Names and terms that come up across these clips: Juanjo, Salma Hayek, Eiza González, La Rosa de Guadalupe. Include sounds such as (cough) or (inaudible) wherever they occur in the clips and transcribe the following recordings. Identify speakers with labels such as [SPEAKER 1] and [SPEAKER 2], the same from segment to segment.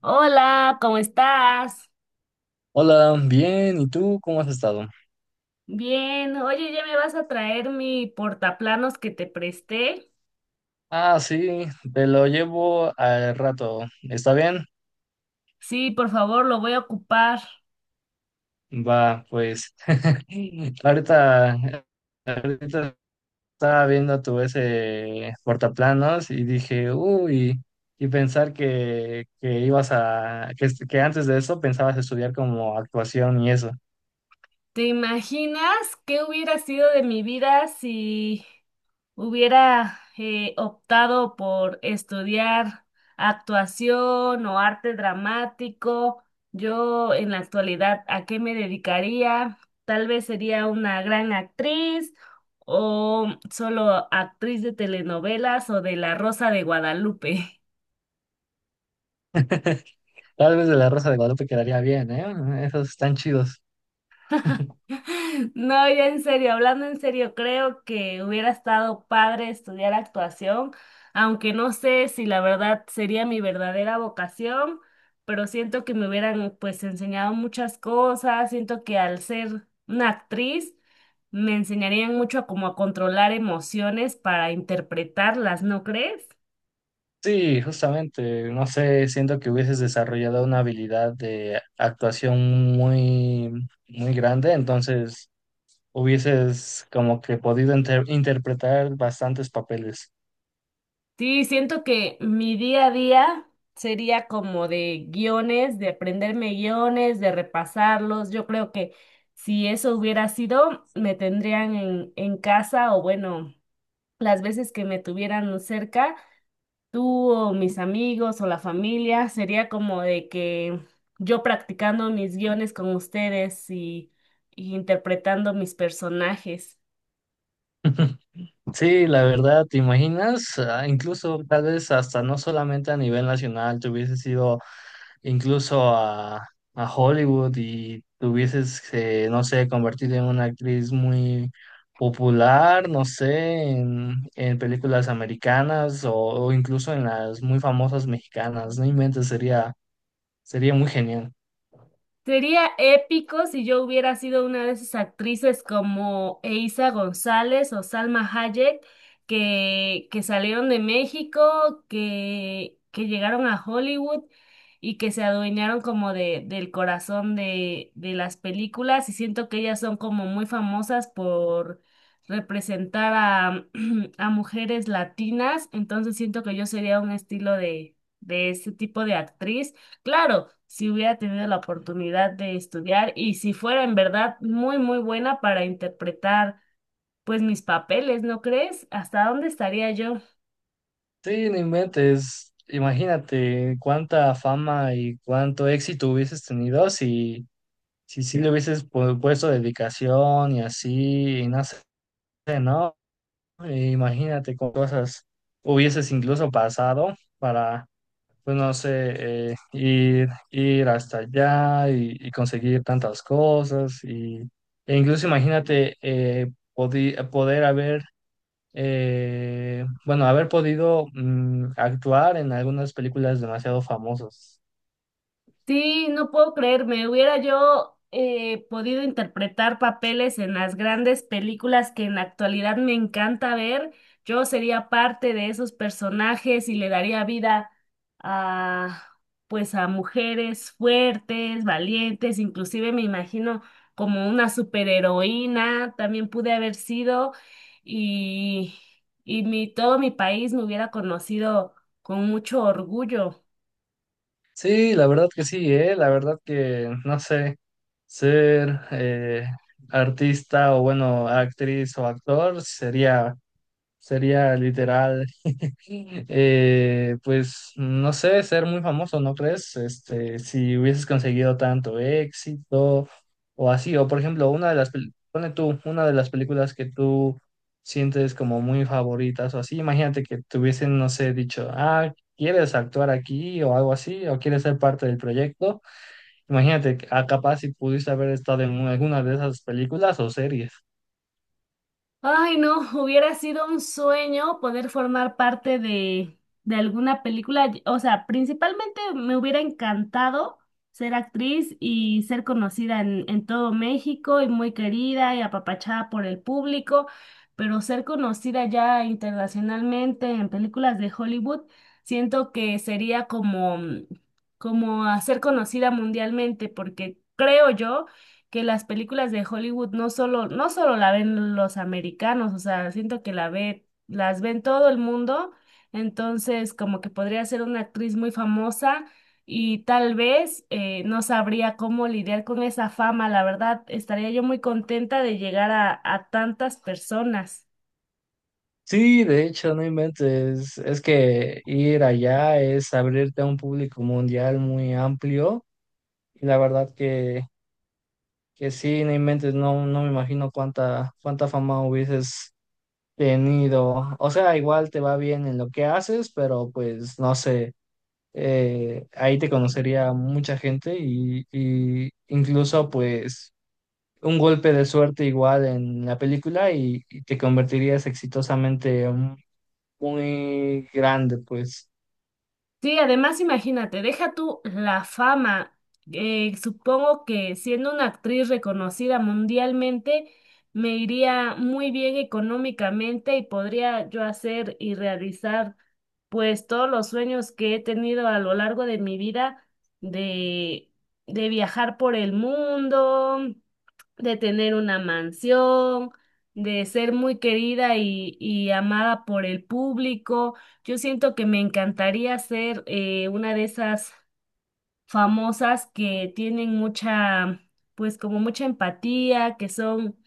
[SPEAKER 1] Hola, ¿cómo estás?
[SPEAKER 2] Hola, bien, ¿y tú cómo has estado?
[SPEAKER 1] Bien, oye, ¿ya me vas a traer mi portaplanos que te presté?
[SPEAKER 2] Ah, sí, te lo llevo al rato. ¿Está bien?
[SPEAKER 1] Sí, por favor, lo voy a ocupar.
[SPEAKER 2] Va, pues. (laughs) Ahorita, ahorita estaba viendo tu ese portaplanos y dije, uy, y pensar que ibas a, que antes de eso pensabas estudiar como actuación y eso.
[SPEAKER 1] ¿Te imaginas qué hubiera sido de mi vida si hubiera optado por estudiar actuación o arte dramático? Yo en la actualidad, ¿a qué me dedicaría? Tal vez sería una gran actriz o solo actriz de telenovelas o de La Rosa de Guadalupe.
[SPEAKER 2] (laughs) Tal vez de la Rosa de Guadalupe quedaría bien, ¿eh? Esos están chidos.
[SPEAKER 1] (laughs) No, ya en serio, hablando en serio, creo que hubiera estado padre estudiar actuación, aunque no sé si la verdad sería mi verdadera vocación, pero siento que me hubieran pues enseñado muchas cosas. Siento que al ser una actriz me enseñarían mucho a cómo a controlar emociones para interpretarlas, ¿no crees?
[SPEAKER 2] Sí, justamente, no sé, siento que hubieses desarrollado una habilidad de actuación muy, muy grande, entonces hubieses como que podido interpretar bastantes papeles.
[SPEAKER 1] Sí, siento que mi día a día sería como de guiones, de aprenderme guiones, de repasarlos. Yo creo que si eso hubiera sido, me tendrían en casa o bueno, las veces que me tuvieran cerca, tú o mis amigos o la familia, sería como de que yo practicando mis guiones con ustedes y interpretando mis personajes.
[SPEAKER 2] Sí, la verdad, ¿te imaginas? Ah, incluso tal vez hasta no solamente a nivel nacional, te hubieses ido incluso a Hollywood y te hubieses, no sé, convertido en una actriz muy popular, no sé, en películas americanas o incluso en las muy famosas mexicanas. No inventes, sería, sería muy genial.
[SPEAKER 1] Sería épico si yo hubiera sido una de esas actrices como Eiza González o Salma Hayek que salieron de México, que llegaron a Hollywood y que se adueñaron como del corazón de las películas. Y siento que ellas son como muy famosas por representar a, (clears throat) a mujeres latinas. Entonces siento que yo sería un estilo de ese tipo de actriz. Claro, si hubiera tenido la oportunidad de estudiar y si fuera en verdad muy, muy buena para interpretar pues mis papeles, ¿no crees? ¿Hasta dónde estaría yo?
[SPEAKER 2] Sí, no inventes. Imagínate cuánta fama y cuánto éxito hubieses tenido si, si sí le hubieses puesto dedicación y así, y no sé, ¿no? Imagínate con cosas hubieses incluso pasado para, pues no sé, ir, ir hasta allá y conseguir tantas cosas. Y, e incluso imagínate poder haber, bueno, haber podido actuar en algunas películas demasiado famosas.
[SPEAKER 1] Sí, no puedo creerme. Hubiera yo podido interpretar papeles en las grandes películas que en la actualidad me encanta ver. Yo sería parte de esos personajes y le daría vida a, pues, a mujeres fuertes, valientes. Inclusive me imagino como una superheroína. También pude haber sido, y y mi todo mi país me hubiera conocido con mucho orgullo.
[SPEAKER 2] Sí, la verdad que sí, la verdad que, no sé, ser artista o bueno, actriz o actor sería. Sería literal, (laughs) pues no sé, ser muy famoso, ¿no crees? Este, si hubieses conseguido tanto éxito o así, o por ejemplo, una de las, pone tú, una de las películas que tú sientes como muy favoritas o así, imagínate que te hubiesen, no sé, dicho, ah, ¿quieres actuar aquí o algo así? ¿O quieres ser parte del proyecto? Imagínate, que, ah, capaz si pudiste haber estado en alguna de esas películas o series.
[SPEAKER 1] Ay, no, (laughs) hubiera sido un sueño poder formar parte de alguna película. O sea, principalmente me hubiera encantado ser actriz y ser conocida en todo México y muy querida y apapachada por el público, pero ser conocida ya internacionalmente en películas de Hollywood, siento que sería como, como a ser conocida mundialmente, porque creo yo que las películas de Hollywood no solo la ven los americanos. O sea, siento que la ve, las ven todo el mundo. Entonces como que podría ser una actriz muy famosa y tal vez no sabría cómo lidiar con esa fama, la verdad. Estaría yo muy contenta de llegar a tantas personas.
[SPEAKER 2] Sí, de hecho, no inventes. Es que ir allá es abrirte a un público mundial muy amplio y la verdad que sí, no inventes, no, no me imagino cuánta, cuánta fama hubieses tenido. O sea, igual te va bien en lo que haces, pero pues no sé, ahí te conocería mucha gente y incluso pues un golpe de suerte igual en la película y te convertirías exitosamente muy grande, pues.
[SPEAKER 1] Sí, además imagínate, deja tú la fama. Supongo que siendo una actriz reconocida mundialmente, me iría muy bien económicamente y podría yo hacer y realizar pues todos los sueños que he tenido a lo largo de mi vida de, de viajar por el mundo, de tener una mansión, de ser muy querida y amada por el público. Yo siento que me encantaría ser una de esas famosas que tienen mucha, pues como mucha empatía, que son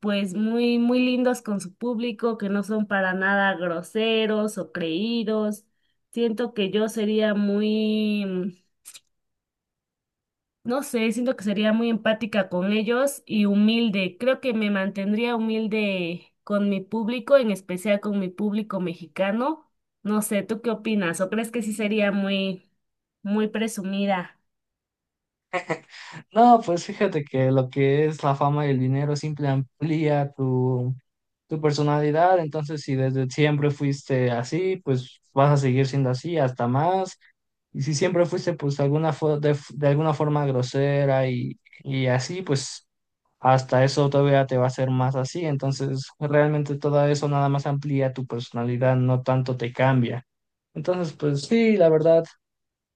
[SPEAKER 1] pues muy, muy lindos con su público, que no son para nada groseros o creídos. Siento que yo sería muy, no sé, siento que sería muy empática con ellos y humilde. Creo que me mantendría humilde con mi público, en especial con mi público mexicano. No sé, ¿tú qué opinas? ¿O crees que sí sería muy, muy presumida?
[SPEAKER 2] No, pues fíjate que lo que es la fama y el dinero siempre amplía tu, tu personalidad, entonces si desde siempre fuiste así, pues vas a seguir siendo así hasta más, y si siempre fuiste pues de alguna, de alguna forma grosera y así, pues hasta eso todavía te va a hacer más así, entonces realmente todo eso nada más amplía tu personalidad, no tanto te cambia. Entonces, pues sí, la verdad.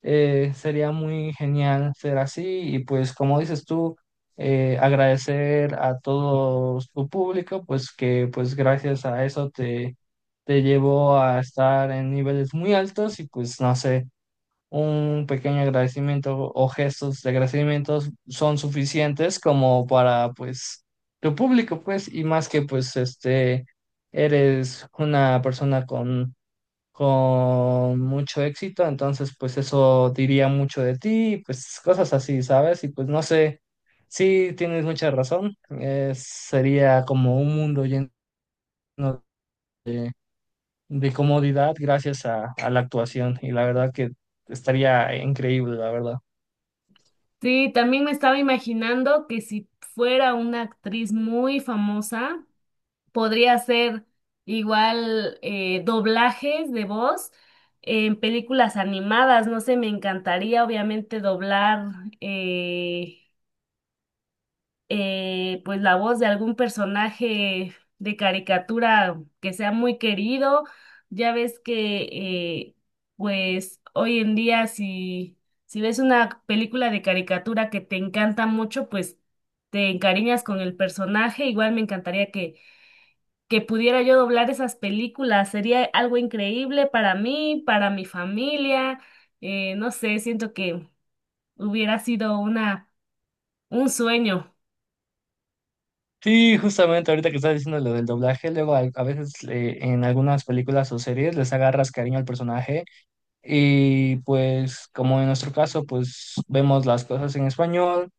[SPEAKER 2] Sería muy genial ser así y pues como dices tú, agradecer a todo tu público, pues que pues gracias a eso te, te llevó a estar en niveles muy altos y pues no sé, un pequeño agradecimiento o gestos de agradecimiento son suficientes como para pues tu público, pues y más que pues este, eres una persona con mucho éxito, entonces pues eso diría mucho de ti, pues cosas así, ¿sabes? Y pues no sé, sí tienes mucha razón, sería como un mundo lleno de, de comodidad gracias a la actuación y la verdad que estaría increíble, la verdad.
[SPEAKER 1] Sí, también me estaba imaginando que si fuera una actriz muy famosa, podría hacer igual doblajes de voz en películas animadas. No sé, me encantaría obviamente doblar. eh, pues la voz de algún personaje de caricatura que sea muy querido. Ya ves que pues hoy en día si ves una película de caricatura que te encanta mucho, pues te encariñas con el personaje. Igual me encantaría que pudiera yo doblar esas películas. Sería algo increíble para mí, para mi familia. No sé, siento que hubiera sido una, un sueño.
[SPEAKER 2] Sí, justamente ahorita que estás diciendo lo del doblaje, luego a veces en algunas películas o series les agarras cariño al personaje y pues como en nuestro caso pues vemos las cosas en español.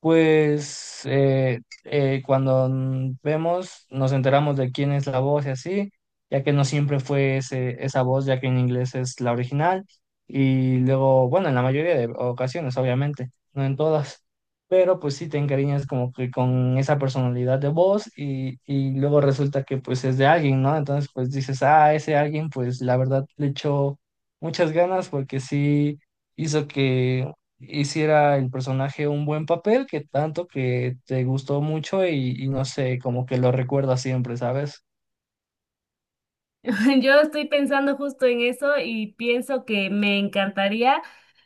[SPEAKER 2] Pues cuando vemos, nos enteramos de quién es la voz y así, ya que no siempre fue ese, esa voz, ya que en inglés es la original. Y luego, bueno, en la mayoría de ocasiones, obviamente, no en todas, pero pues sí te encariñas como que con esa personalidad de voz y luego resulta que pues es de alguien, ¿no? Entonces pues dices, ah, ese alguien pues la verdad le echó muchas ganas porque sí hizo que hiciera el personaje un buen papel, que tanto que te gustó mucho y no sé, como que lo recuerdas siempre, ¿sabes?
[SPEAKER 1] (laughs) Yo estoy pensando justo en eso y pienso que me encantaría,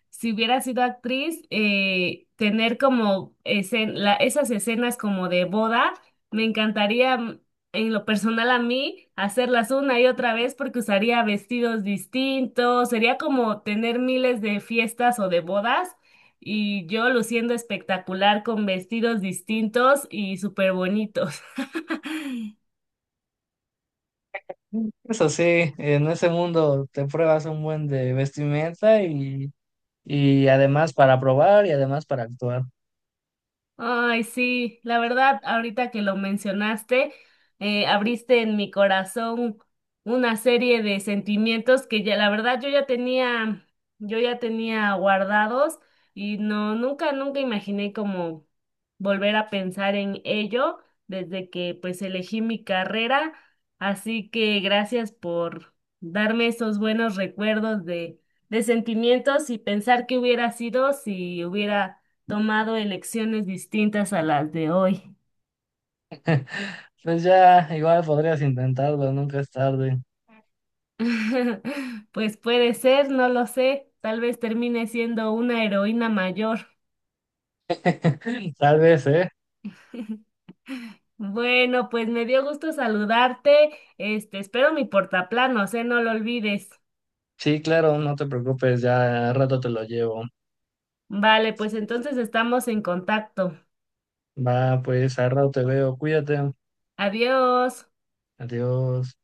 [SPEAKER 1] si hubiera sido actriz, tener como esas escenas como de boda. Me encantaría, en lo personal a mí, hacerlas una y otra vez porque usaría vestidos distintos. Sería como tener miles de fiestas o de bodas y yo luciendo espectacular con vestidos distintos y súper bonitos. (laughs)
[SPEAKER 2] Eso sí, en ese mundo te pruebas un buen de vestimenta y además para probar y además para actuar.
[SPEAKER 1] Ay, sí, la verdad, ahorita que lo mencionaste, abriste en mi corazón una serie de sentimientos que ya, la verdad, yo ya tenía guardados y no, nunca, nunca imaginé como volver a pensar en ello desde que pues elegí mi carrera. Así que gracias por darme esos buenos recuerdos de sentimientos y pensar qué hubiera sido si hubiera tomado elecciones distintas a las de hoy.
[SPEAKER 2] Pues ya, igual podrías intentarlo, nunca es tarde.
[SPEAKER 1] (laughs) Pues puede ser, no lo sé. Tal vez termine siendo una heroína mayor.
[SPEAKER 2] (laughs) Tal vez, ¿eh?
[SPEAKER 1] (laughs) Bueno, pues me dio gusto saludarte. Este, espero mi portaplanos, ¿eh? No lo olvides.
[SPEAKER 2] Sí, claro, no te preocupes, ya al rato te lo llevo.
[SPEAKER 1] Vale, pues entonces estamos en contacto.
[SPEAKER 2] Va, pues al rato te veo, cuídate,
[SPEAKER 1] Adiós.
[SPEAKER 2] adiós.